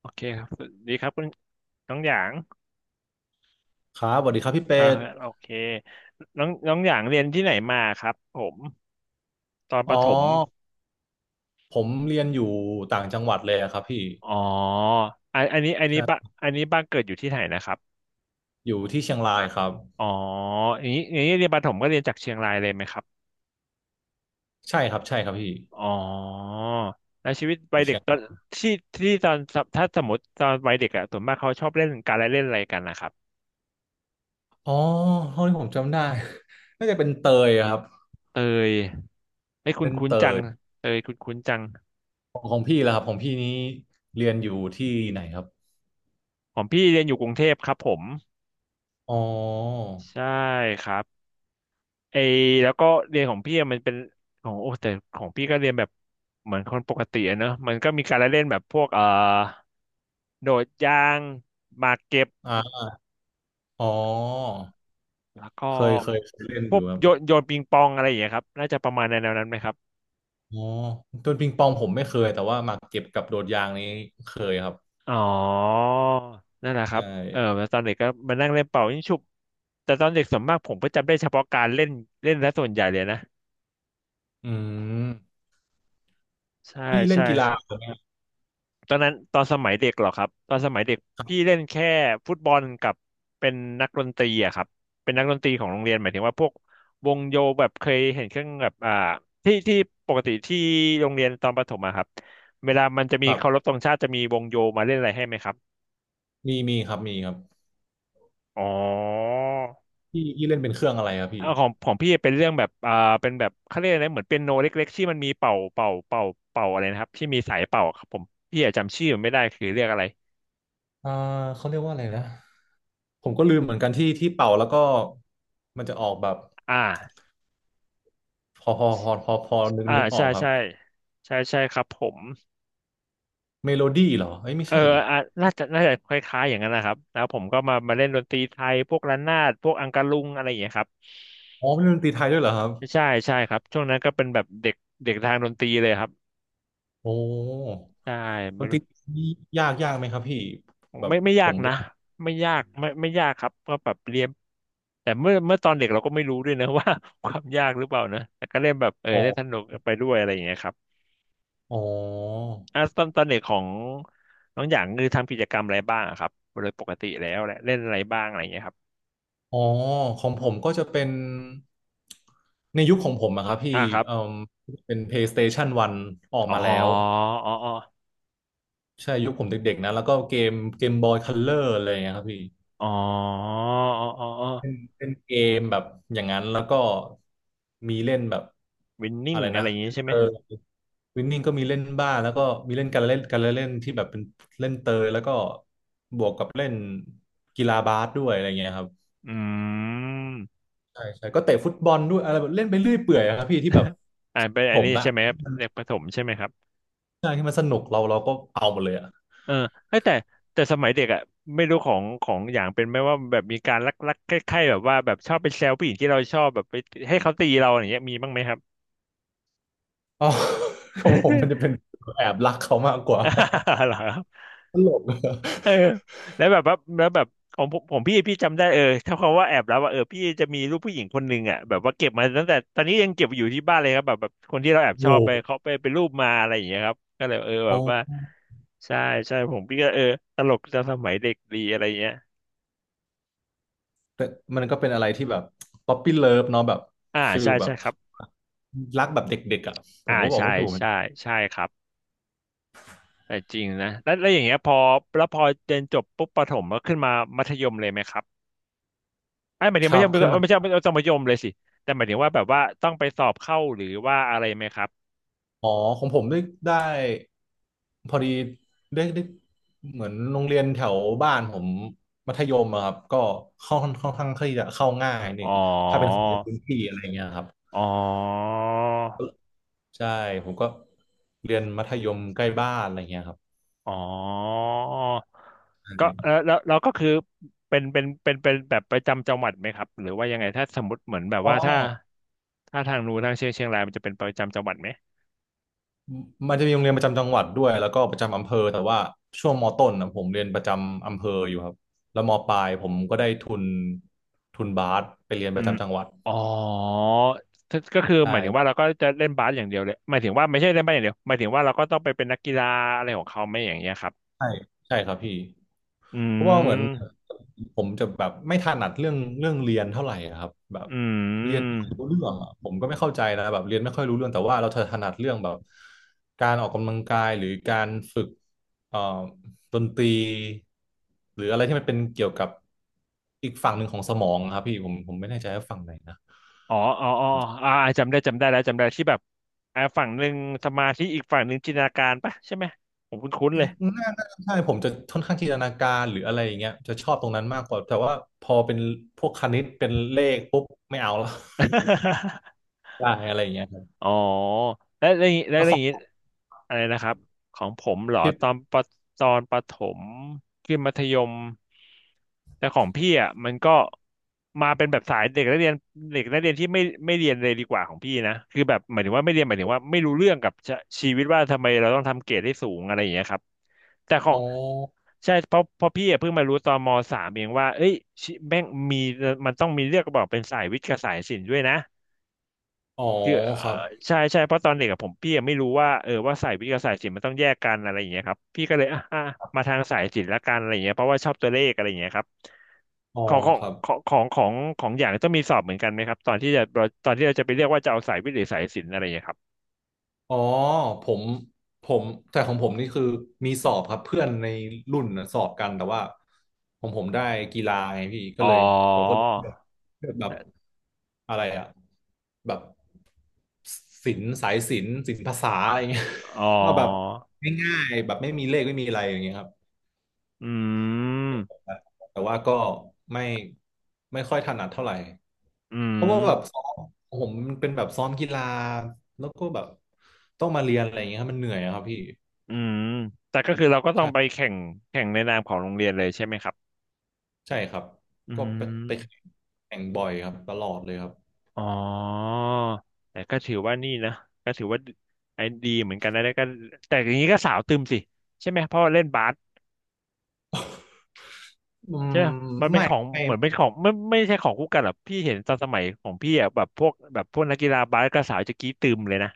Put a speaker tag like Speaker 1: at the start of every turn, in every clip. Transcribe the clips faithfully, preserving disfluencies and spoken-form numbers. Speaker 1: โอเคครับสวัสดีครับคุณน้องหยาง
Speaker 2: ครับสวัสดีครับพี่เป็
Speaker 1: อ่า
Speaker 2: ด
Speaker 1: โอเคน้องน้องหยางเรียนที่ไหนมาครับผมตอนป
Speaker 2: อ๋อ
Speaker 1: ระถม
Speaker 2: ผมเรียนอยู่ต่างจังหวัดเลยอะครับพี่
Speaker 1: อ๋ออันอันนี้อันนี้บ้าน
Speaker 2: ใช่
Speaker 1: อันนี้บ้านเกิดอยู่ที่ไหนนะครับ
Speaker 2: อยู่ที่เชียงรายครับ
Speaker 1: อ๋ออย่างนี้อย่างนี้เรียนประถมก็เรียนจากเชียงรายเลยไหมครับ
Speaker 2: ใช่ครับใช่ครับพี่
Speaker 1: อ๋อแล้วชีวิต
Speaker 2: อ
Speaker 1: วัย
Speaker 2: ยู่
Speaker 1: เด็
Speaker 2: เชี
Speaker 1: ก
Speaker 2: ยง
Speaker 1: ตอน
Speaker 2: ราย
Speaker 1: ที่ที่ตอนถ้าสมมติตอนวัยเด็กอะส่วนมากเขาชอบเล่นการละเล่นอะไรกันนะครับ
Speaker 2: อ๋อเท่าที่ผมจำได้ น่าจะเป็นเตยอะครับ
Speaker 1: เตยไม่คุ้
Speaker 2: เป็
Speaker 1: น
Speaker 2: น
Speaker 1: คุ้น
Speaker 2: เต
Speaker 1: จัง
Speaker 2: ย
Speaker 1: เตยคุ้นคุ้นจัง
Speaker 2: ของของพี่แล้วครับของพี่นี้เรียนอยู่ที่ไหนครับ
Speaker 1: ของพี่เรียนอยู่กรุงเทพครับผม
Speaker 2: อ๋อ
Speaker 1: ใช่ครับ ไอแล้วก็เรียนของพี่อะมันเป็นของโอ้แต่ของพี่ก็เรียนแบบเหมือนคนปกติอะเนอะมันก็มีการละเล่นแบบพวกเอ่อโดดยางหมากเก็บ
Speaker 2: อ่าอ๋อ
Speaker 1: แล้วก็
Speaker 2: เคยเคยเคยเล่น
Speaker 1: พ
Speaker 2: อ
Speaker 1: ว
Speaker 2: ยู่
Speaker 1: ก
Speaker 2: ครั
Speaker 1: โยน
Speaker 2: บ
Speaker 1: โยนปิงปองอะไรอย่างเงี้ยครับน่าจะประมาณในแนวนั้นไหมครับ
Speaker 2: อ๋อต้นปิงปองผมไม่เคยแต่ว่าหมากเก็บกับโดดยางนี้เคยครับ
Speaker 1: อ๋อนั่นแหละครั
Speaker 2: ใช่
Speaker 1: บเออแล้วตอนเด็กก็มานั่งเล่นเป่ายิงฉุบแต่ตอนเด็กส่วนมากผมก็จำได้เฉพาะการเล่นเล่นและส่วนใหญ่เลยนะ
Speaker 2: อืม
Speaker 1: ใช่
Speaker 2: พี่เล่น
Speaker 1: ใช่
Speaker 2: กีฬาไหม
Speaker 1: ตอนนั้นตอนสมัยเด็กเหรอครับตอนสมัยเด็กพี่เล่นแค่ฟุตบอลกับเป็นนักดนตรีอะครับเป็นนักดนตรีของโรงเรียนหมายถึงว่าพวกวงโยแบบเคยเห็นเครื่องแบบอ่าที่ที่ปกติที่โรงเรียนตอนประถมอะครับเวลามันจะ
Speaker 2: ค
Speaker 1: มี
Speaker 2: รั
Speaker 1: เคารพ
Speaker 2: บ
Speaker 1: ธงชาติจะมีวงโยมาเล่นอะไรให้ไหมครับ
Speaker 2: มีมีครับมีครับ
Speaker 1: อ๋อ
Speaker 2: พี่พี่เล่นเป็นเครื่องอะไรครับพี่
Speaker 1: เอาของของพี่เป็นเรื่องแบบอ่าเป็นแบบเขาเรียกอะไรเหมือนเปียโนเล็กๆที่มันมีเป่าเป่าเป่าเป่าอะไรนะครับที่มีสายเป่าครับผมพี่อะจำชื่อมันไม่ได้คือเรียกอะไร
Speaker 2: อ่าเขาเรียกว่าอะไรนะผมก็ลืมเหมือนกันที่ที่เป่าแล้วก็มันจะออกแบบ
Speaker 1: อ่า
Speaker 2: พอพอพอพอพอนึก
Speaker 1: อ่า
Speaker 2: นึกออ
Speaker 1: ใช่
Speaker 2: กครับ
Speaker 1: ใช่ใช่ใช่ครับผม
Speaker 2: เมโลดี้เหรอเอ้ยไม่
Speaker 1: เออ
Speaker 2: ใช่ดิ
Speaker 1: อ่ะน่าจะน่าจะคล้ายๆอย่างนั้นนะครับแล้วผมก็มามาเล่นดนตรีไทยพวกระนาดพวกอังกะลุงอะไรอย่างเงี้ยครับ
Speaker 2: อ๋อเป็นดนตรีไทยด้วยเหรอครับ
Speaker 1: ใช่ใช่ครับช่วงนั้นก็เป็นแบบเด็กเด็กทางดนตรีเลยครับ
Speaker 2: โอ้
Speaker 1: ใช่
Speaker 2: ด
Speaker 1: ไม่
Speaker 2: นต
Speaker 1: รู้
Speaker 2: รีนี่ยากยากไหมครับพี่แบบ
Speaker 1: ไม่ไม่
Speaker 2: ผ
Speaker 1: ยาก
Speaker 2: มอ
Speaker 1: นะ
Speaker 2: ยาก
Speaker 1: ไม่ยากไม่ไม่ยากครับก็แบบเรียนแต่เมื่อเมื่อตอนเด็กเราก็ไม่รู้ด้วยนะ ว่า ความยากหรือเปล่านะแต่ก็เล่นแบบเออ
Speaker 2: อ
Speaker 1: เล่น
Speaker 2: อ
Speaker 1: สนุ
Speaker 2: ก
Speaker 1: กไปด้วยอะไรอย่างเงี้ยครับ
Speaker 2: อ๋อ
Speaker 1: อ่ะตอนตอนเด็กของน้องหยางคือทำกิจกรรมอะไรบ้างอะครับโดยปกติแล้วแหละเล่นอะไรบ้างอะไรอย่างเงี้ยครับ
Speaker 2: อ๋อของผมก็จะเป็นในยุคของผมอะครับพี่
Speaker 1: อ่าครับ
Speaker 2: เอ่อเป็น PlayStation หนึ่งออก
Speaker 1: อ๋อ
Speaker 2: มาแล้ว
Speaker 1: อ๋ออ๋อ
Speaker 2: ใช่ยุคผมเด็กๆนะแล้วก็เกมเกมบอยคัลเลอร์อะไรอย่างเงี้ยครับพี่
Speaker 1: อ๋ออ๋ออ๋อ
Speaker 2: เป็นเป็นเกมแบบอย่างนั้นแล้วก็มีเล่นแบบ
Speaker 1: วินนิ่
Speaker 2: อะ
Speaker 1: ง
Speaker 2: ไร
Speaker 1: อะ
Speaker 2: นะ
Speaker 1: ไรอย่างนี้ใช่ไห
Speaker 2: เอ
Speaker 1: ม
Speaker 2: อวินนิ่งก็มีเล่นบ้างแล้วก็มีเล่นการเล่นการเล่นที่แบบเป็นเล่นเตยแล้วก็บวกกับเล่นกีฬาบาสด้วยอะไรเงี้ยครับ
Speaker 1: อืม
Speaker 2: ใช่ใช่ก็เตะฟุตบอลด้วยอะไรแบบเล่นไปเรื่อยเปื่อยอะครับพี่ที่แบบ
Speaker 1: อ่าเป็นอั
Speaker 2: ผ
Speaker 1: น
Speaker 2: ม
Speaker 1: นี้
Speaker 2: นะ
Speaker 1: ใช่ไหมครับเด็กประถมใช่ไหมครับ
Speaker 2: ใช่ที่มันสนุกเราเราก็เอาหมดเลยอะ
Speaker 1: เออเอ้ยแต่แต่สมัยเด็กอ่ะไม่รู้ของของอย่างเป็นไหมว่าแบบมีการลักลักใคล้ายๆแบบว่าแบบชอบไปแซวผู้หญิงที่เราชอบแบบไปให้เขาตีเราอย่างเงี้ยมีบ้างไหมครับ
Speaker 2: อ๋อ ของผมมันจะ เป็นแอบรักเขามากกว่า
Speaker 1: เหรอครับ
Speaker 2: ตลก
Speaker 1: เออแล้วแบบว่าแล้วแบบของผมผมพี่พี่จำได้เออถ้าคำว่าแอบแล้วว่าเออพี่จะมีรูปผู้หญิงคนหนึ่งอ่ะแบบว่าเก็บมาตั้งแต่ตอนนี้ยังเก็บอยู่ที่บ้านเลยครับแบบแบบคนที่เราแอบ
Speaker 2: โอ้โ
Speaker 1: ชอบไป
Speaker 2: ห
Speaker 1: เขาไปเป็นรูปมาอะไรอย่างเงี้ยครับก็เลยเออ
Speaker 2: โอ
Speaker 1: แบบว่า
Speaker 2: ้
Speaker 1: ใช่ใช่ผมพี่ก็เออตลกจากสมัยเด็กดีอะไรเงี้ย
Speaker 2: แต่มันก็เป็นอะไรที่แบบป๊อปปี้เลิฟเนาะแบบ
Speaker 1: อ่า
Speaker 2: ฟิ
Speaker 1: ใช่
Speaker 2: ลแบ
Speaker 1: ใช่
Speaker 2: บ
Speaker 1: ครับ
Speaker 2: รักแบบเด็กๆอ่ะผ
Speaker 1: อ่า
Speaker 2: มก็บอก
Speaker 1: ใช่
Speaker 2: ไม่ถูกมัน
Speaker 1: ใช่ใช่ครับแต่จริงนะแล้วแล้วอย่างเงี้ยพอแล้วพอเรียนจบปุ๊บประถมก็ขึ้นมามัธยมเลยไหมครับ ไอ้หมายถึง
Speaker 2: ขั
Speaker 1: ไม่ใช่
Speaker 2: บ
Speaker 1: ไม่
Speaker 2: ขึ้น
Speaker 1: ใช่
Speaker 2: มา
Speaker 1: ไม่ใช่มัธยมเลยสิ แต่หมายถึงว่าแบบว่าต้องไปสอบเข้าหรือว่าอะไรไหมครับ
Speaker 2: อ๋อของผมได้ได้พอดีได้ได้เหมือนโรงเรียนแถวบ้านผมมัธยมอะครับก็ค่อนค่อนข้างที่จะเข้าง่ายนี่
Speaker 1: อ๋อ
Speaker 2: ถ้าเป็นคนในพื้นที่อะไรเงี้ยครับ
Speaker 1: อ๋อ
Speaker 2: ใช่ผมก็เรียนมัธยมใกล้บ้านอะไรเงี้ยครับ
Speaker 1: อ๋อก็
Speaker 2: ใช่
Speaker 1: เออแล้วเราก็คือเป็นเป็นเป็นเป็นแบบประจำจังหวัดไหมครับหรือว่ายังไงถ้าสมมติเหมือนแบบ
Speaker 2: อ๋อ
Speaker 1: ว่าถ้าถ้าทางนู้นทางเชียงเชียงรายมันจะเป็นประจำจังหวัดไหม
Speaker 2: มันจะมีโรงเรียนประจำจังหวัดด้วยแล้วก็ประจำอำเภอแต่ว่าช่วงมต้นนะผมเรียนประจำอำเภออยู่ครับแล้วมปลายผมก็ได้ทุนทุนบาสไปเรียนป
Speaker 1: อื
Speaker 2: ระ
Speaker 1: ม
Speaker 2: จำจังหวัด
Speaker 1: อ๋อถ้าก็คือหมายถึงว่าเรา
Speaker 2: ใช่
Speaker 1: ก็จะเล่นบาสอย่างเดียวเลยหมายถึงว่าไม่ใช่เล่นบาสอย่างเดียวหมายถึงว่าเราก็ต้องไปเป็นนักกีฬาอะไรของเขาไหมอย่างเงี้ยครับ
Speaker 2: ใช่ใช่ครับพี่
Speaker 1: อื
Speaker 2: เพราะว่าเหมือน
Speaker 1: ม
Speaker 2: ผมจะแบบไม่ถนัดเรื่องเรื่องเรียนเท่าไหร่อะครับแบบ
Speaker 1: อื
Speaker 2: เรียนไม่
Speaker 1: ม
Speaker 2: ค่อยรู้เรื่องอะผมก็ไม่เข้าใจนะแบบเรียนไม่ค่อยรู้เรื่องแต่ว่าเราถนัดเรื่องแบบการออกกำลังกายหรือการฝึกเอ่อดนตรีหรืออะไรที่มันเป็นเกี่ยวกับอีกฝั่งหนึ่งของสมองอะครับพี่ผมผมไม่แน่ใจว่าฝั่งไหนนะ
Speaker 1: อ๋ออ๋ออ๋ออ่าจำได้จำได้แล้วจำได้ที่แบบอ่าฝั่งหนึ่งสมาธิอีกฝั่งหนึ่งจินตนาการปะใช่ไหมผมคุ้นๆเลย
Speaker 2: น่าน่าใช่ผมจะค่อนข้างจินตนาการหรืออะไรอย่างเงี้ยจะชอบตรงนั้นมากกว่าแต่ว่าพอเป็นพวกคณิตเป็นเลขปุ๊บไม่เอาแล้ว ได้อะไรอย่างเงี้ยครับ
Speaker 1: อ๋อแล้แล้วอย่างงี้และ
Speaker 2: แล้วข
Speaker 1: อ
Speaker 2: อ
Speaker 1: ย่างนี้
Speaker 2: ง
Speaker 1: อะไรนะครับของผมเหรอ
Speaker 2: พี่
Speaker 1: ตอนปตอนประถมขึ้นมัธยมแต่ของพี่อ่ะมันก็มาเป็นแบบสายเด็กนักเรียนเด็กนักเรียนที่ไม่ไม่เรียนเลยดีกว่าของพี่นะคือแบบหมายถึงว่าไม่เรียนหมายถึงว่าไม่รู้เรื่องกับชะชีวิตว่าทำไมเราต้องทำเกรดให้สูงอะไรอย่างเงี้ยครับแต่ขอ
Speaker 2: อ๋
Speaker 1: ง
Speaker 2: อ
Speaker 1: ใช่เพราะเพราะพี่อะเพิ่งมารู้ตอนมสามเองว่าเอ้ยชิแม่งมีมันต้องมีเลือกบอกเป็นสายวิทย์กับสายศิลป์ด้วยนะ
Speaker 2: อ๋อ
Speaker 1: คือเอ่อ
Speaker 2: ครับ
Speaker 1: ใช่ใช่เพราะตอนเด็กอะผมพี่ยังไม่รู้ว่าเออว่าสายวิทย์กับสายศิลป์มันต้องแยกกันอะไรอย่างเงี้ยครับพี่ก็เลยอ่ะอ่ะมาทางสายศิลป์ละกันอะไรอย่างเงี้ยเพราะว่าชอบตัวเลขอะไรอย่างเงี้ยครับ
Speaker 2: อ๋อ
Speaker 1: ของของ
Speaker 2: ครับ
Speaker 1: ของของของของอย่างต้องมีสอบเหมือนกันไหมครับตอนที่จะตอนที่เราจะไปเรียกว่าจะเอาสายวิทย์หรือสายศิลป์อะไรอย่างเงี้ยครับ
Speaker 2: อ๋อผมผมแต่ของผมนี่คือมีสอบครับเพื่อนในรุ่นน่ะสอบกันแต่ว่าของผมได้กีฬาไงพี่ก็
Speaker 1: อ๋
Speaker 2: เล
Speaker 1: อ
Speaker 2: ยผมก็เลยเลือกเลือกแบบอะไรอะแบบศิลป์สายศิลป์ศิลปภาษาอะไรเงี้ย
Speaker 1: อ๋อ
Speaker 2: ก็แบบง่ายๆแบบไม่มีเลขไม่มีอะไรอย่างเงี้ยครับ
Speaker 1: อืม
Speaker 2: แต่ว่าก็ไม่ไม่ค่อยถนัดเท่าไหร่
Speaker 1: อื
Speaker 2: เพ
Speaker 1: ม
Speaker 2: ราะว่าแบบซ้อมผมมันเป็นแบบซ้อมกีฬาแล้วก็แบบต้องมาเรียนอะไรอย่างเงี้ยครับมันเหนื่อยอะครับพี่
Speaker 1: อืมแต่ก็คือเราก็ต้องไป
Speaker 2: ใช่
Speaker 1: แข่งแข่งในนามของโรงเรียนเลยใช่ไหมครับ
Speaker 2: ใช่ครับ
Speaker 1: อื
Speaker 2: ก็ไปไปแข่
Speaker 1: ม
Speaker 2: งแข่งบ่อยครับตลอดเลยครับ
Speaker 1: อ๋อแต่ก็ถือว่านี่นะก็ถือว่าไอ้ดีเหมือนกันนะแล้วก็แต่อย่างนี้ก็สาวตึมสิใช่ไหมเพราะว่าเล่นบาส
Speaker 2: อืม
Speaker 1: ใช่ไหมมันเป็น
Speaker 2: ไม่
Speaker 1: ของ
Speaker 2: ไม่
Speaker 1: เหมือนเป็นของไม่ไม่ใช่ของคู่กันหรอกพี่เห็นตอนสมัยของพี่อ่ะแบบพวกแบบพวกนักกีฬาบาสก็สาวจะกรี้ตึมเลยนะ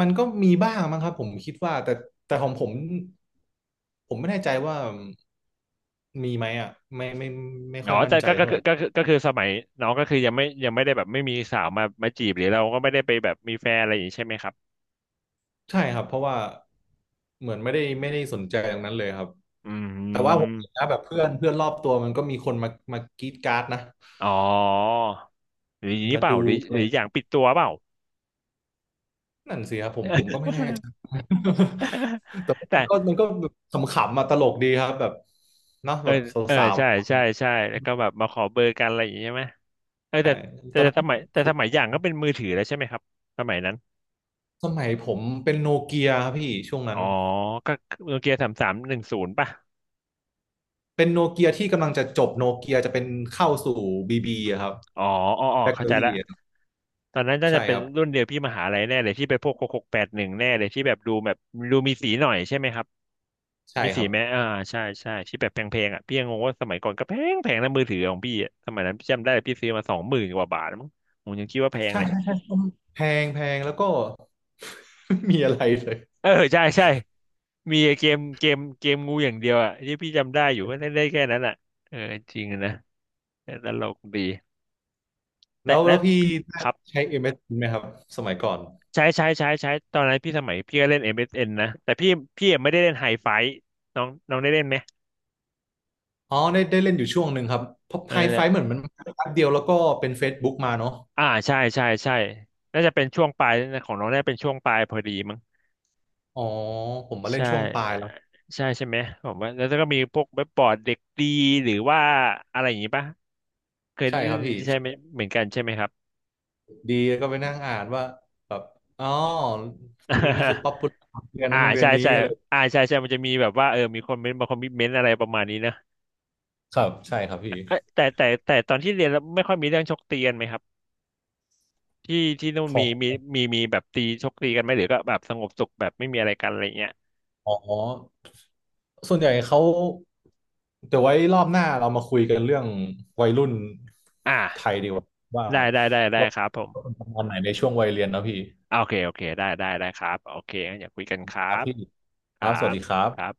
Speaker 2: มันก็มีบ้างมั้งครับผมคิดว่าแต่แต่ของผมผมไม่แน่ใจว่ามีไหมอ่ะไม่ไม่ไม่
Speaker 1: อ๋
Speaker 2: ค่
Speaker 1: อ
Speaker 2: อยมั่น
Speaker 1: แต่
Speaker 2: ใจ
Speaker 1: ก็ก็
Speaker 2: เท่าไหร่
Speaker 1: ก็ก็คือก็คือสมัยน้องก็คือยังไม่ยังไม่ได้แบบไม่มีสาวมามาจีบหรือเราก็ไม่ได้ไปแบบมีแฟนอะไรอย่างนี้ใช่ไหมครับ
Speaker 2: ใช่ครับเพราะว่าเหมือนไม่ได้ไม่ได้สนใจตรงนั้นเลยครับ
Speaker 1: อื
Speaker 2: แต่ว่าผม
Speaker 1: ม
Speaker 2: เห็นนะแบบเพื่อนเพื่อนรอบตัวมันก็มีคนมามากรีดการ์ดนะ
Speaker 1: อ๋อหรืออย่างนี้
Speaker 2: มา
Speaker 1: เปล่า
Speaker 2: ดู
Speaker 1: หรือ
Speaker 2: อะ
Speaker 1: ห
Speaker 2: ไร
Speaker 1: รืออย่างปิดตัวเปล่า
Speaker 2: นั่นสิครับผมผมก็ไม่แน่ใจ แต่
Speaker 1: แต่
Speaker 2: มันก็มันก็แบบขำๆมาตลกดีครับแบบเนาะ
Speaker 1: เอ
Speaker 2: แบ
Speaker 1: อ
Speaker 2: บ
Speaker 1: เออ
Speaker 2: สาว
Speaker 1: ใช่ใช่ใช่แล้วก็แบบมาขอเบอร์กันอะไรอย่างงี้ใช่ไหมเออ
Speaker 2: ๆต่
Speaker 1: แต่แต่
Speaker 2: ตอน
Speaker 1: แต่
Speaker 2: นั้น
Speaker 1: สมัยแต่
Speaker 2: คุ
Speaker 1: สมั
Speaker 2: ณ
Speaker 1: ยอย่างก็เป็นมือถือแล้วใช่ไหมครับสมัยนั้น
Speaker 2: สมัยผมเป็นโนเกียครับพี่ช่วงนั้
Speaker 1: อ๋อ
Speaker 2: น
Speaker 1: ก็โนเกียสามสามหนึ่งศูนย์ป่ะ
Speaker 2: เป็นโนเกียที่กำลังจะจบโนเกียจะเป็นเข้าสู่บีบีครับ
Speaker 1: อ๋ออ๋ออ๋อ
Speaker 2: แบตเต
Speaker 1: เข้า
Speaker 2: อ
Speaker 1: ใจ
Speaker 2: รี่
Speaker 1: ละตอนนั้นน่า
Speaker 2: ใช่
Speaker 1: จะเป็
Speaker 2: ค
Speaker 1: น
Speaker 2: รับ
Speaker 1: รุ่นเดียวพี่มหาลัยแน่เลยที่ไปพวกหกหกแปดหนึ่งแน่เลยที่แบบดูแบบดูมีสีหน่อยใช่ไหมครับ
Speaker 2: ใช่
Speaker 1: มี
Speaker 2: ค
Speaker 1: สี
Speaker 2: รับ
Speaker 1: ไหมอ่าใช่ใช่ที่แบบแพงๆอ่ะพี่ยังงงว่าสมัยก่อนก็แพงแพงนะมือถือของพี่อะสมัยนั้นพี่จำได้พี่ซื้อมาสองหมื่นกว่าบาทมั้งผมยังคิดว่าแพง
Speaker 2: ใช่
Speaker 1: เลย
Speaker 2: ใช่ใช่แพงแพงแล้วก็ ไม่มีอะไรเลย
Speaker 1: เออใช่ใช่มีเกมเกมเกมงูอย่างเดียวอ่ะที่พี่จำได้อยู่ก็เล่นได้แค่นั้นอ่ะเออจริงนะแต่ตลกดี
Speaker 2: แล้
Speaker 1: แต่
Speaker 2: ว
Speaker 1: แล้
Speaker 2: แล้
Speaker 1: ว
Speaker 2: วพี่ได้
Speaker 1: ครับ
Speaker 2: ใช้ เอ็ม เอส เอ็น ไหมครับสมัยก่อน
Speaker 1: ใช้ใช้ใช้ใช้ตอนนั้นพี่สมัยพี่ก็เล่น เอ็ม เอส เอ็น นนะแต่พี่พี่ยังไม่ได้เล่นไฮไฟน้องน้องได้เล่นไหม
Speaker 2: อ๋อได้ได้เล่นอยู่ช่วงหนึ่งครับเพราะ
Speaker 1: เออ
Speaker 2: ไฮ
Speaker 1: แต่
Speaker 2: ไฟเหมือนมันมาแป๊บเดียวแล้วก็เป็น Facebook มาเนาะ
Speaker 1: อ่าใช่ใช่ใช่น่าจะเป็นช่วงปลายนะของน้องน่าจะเป็นช่วงปลายพอดีมั้ง
Speaker 2: อ๋อผมมาเล่
Speaker 1: ใช่
Speaker 2: นช่วงปลายแล้ว
Speaker 1: ใช่ใช่ไหมผมว่าแล้วก็มีพวกเว็บบอร์ดเด็กดีหรือว่าอะไรอย่างงี้ปะเคย
Speaker 2: ใช่ครับพี่
Speaker 1: ใช่ไหมเหมือนกันใช่ไหมครับ
Speaker 2: ดีก็ไปนั่งอ่านว่าแบบอ๋อคนนี้คือ ป๊อปปูล่าเรียน
Speaker 1: อ่า
Speaker 2: นั้นโรงเรียน
Speaker 1: ใช่
Speaker 2: นี้
Speaker 1: ใช่
Speaker 2: อะไร
Speaker 1: อ่าใช่ใช่มันจะมีแบบว่าเออมีคนเมนต์บางคนมีเมนต์อะไรประมาณนี้นะ
Speaker 2: ครับใช่ครับพี่
Speaker 1: เอ้ยแต่แต่แต่ตอนที่เรียนแล้วไม่ค่อยมีเรื่องชกตีกันไหมครับที่ที่นู่น
Speaker 2: ข
Speaker 1: มี
Speaker 2: อ
Speaker 1: มี
Speaker 2: ง
Speaker 1: มีมีแบบตีชกตีกันไหมหรือก็แบบสงบสุขแบบไม่มีอะไรกันอะไรเงี้ย
Speaker 2: อ๋อส่วนใหญ่เขาเดี๋ยวไว้รอบหน้าเรามาคุยกันเรื่องวัยรุ่นไทย
Speaker 1: อ่า
Speaker 2: ดีกว่าว่า
Speaker 1: ได้ได้ได้ได้
Speaker 2: ว่า
Speaker 1: ครับผม
Speaker 2: ว่าเป็นประมาณไหนในช่วงวัยเรียนเนอะพี่
Speaker 1: โอเคโอเคได้ได้ได้ครับโอเคงั้นอย่าคุยกันครั
Speaker 2: ครับ
Speaker 1: บ
Speaker 2: พี่
Speaker 1: ค
Speaker 2: ค
Speaker 1: รั
Speaker 2: รับสวัส
Speaker 1: บ
Speaker 2: ดีครั
Speaker 1: ครับ
Speaker 2: บ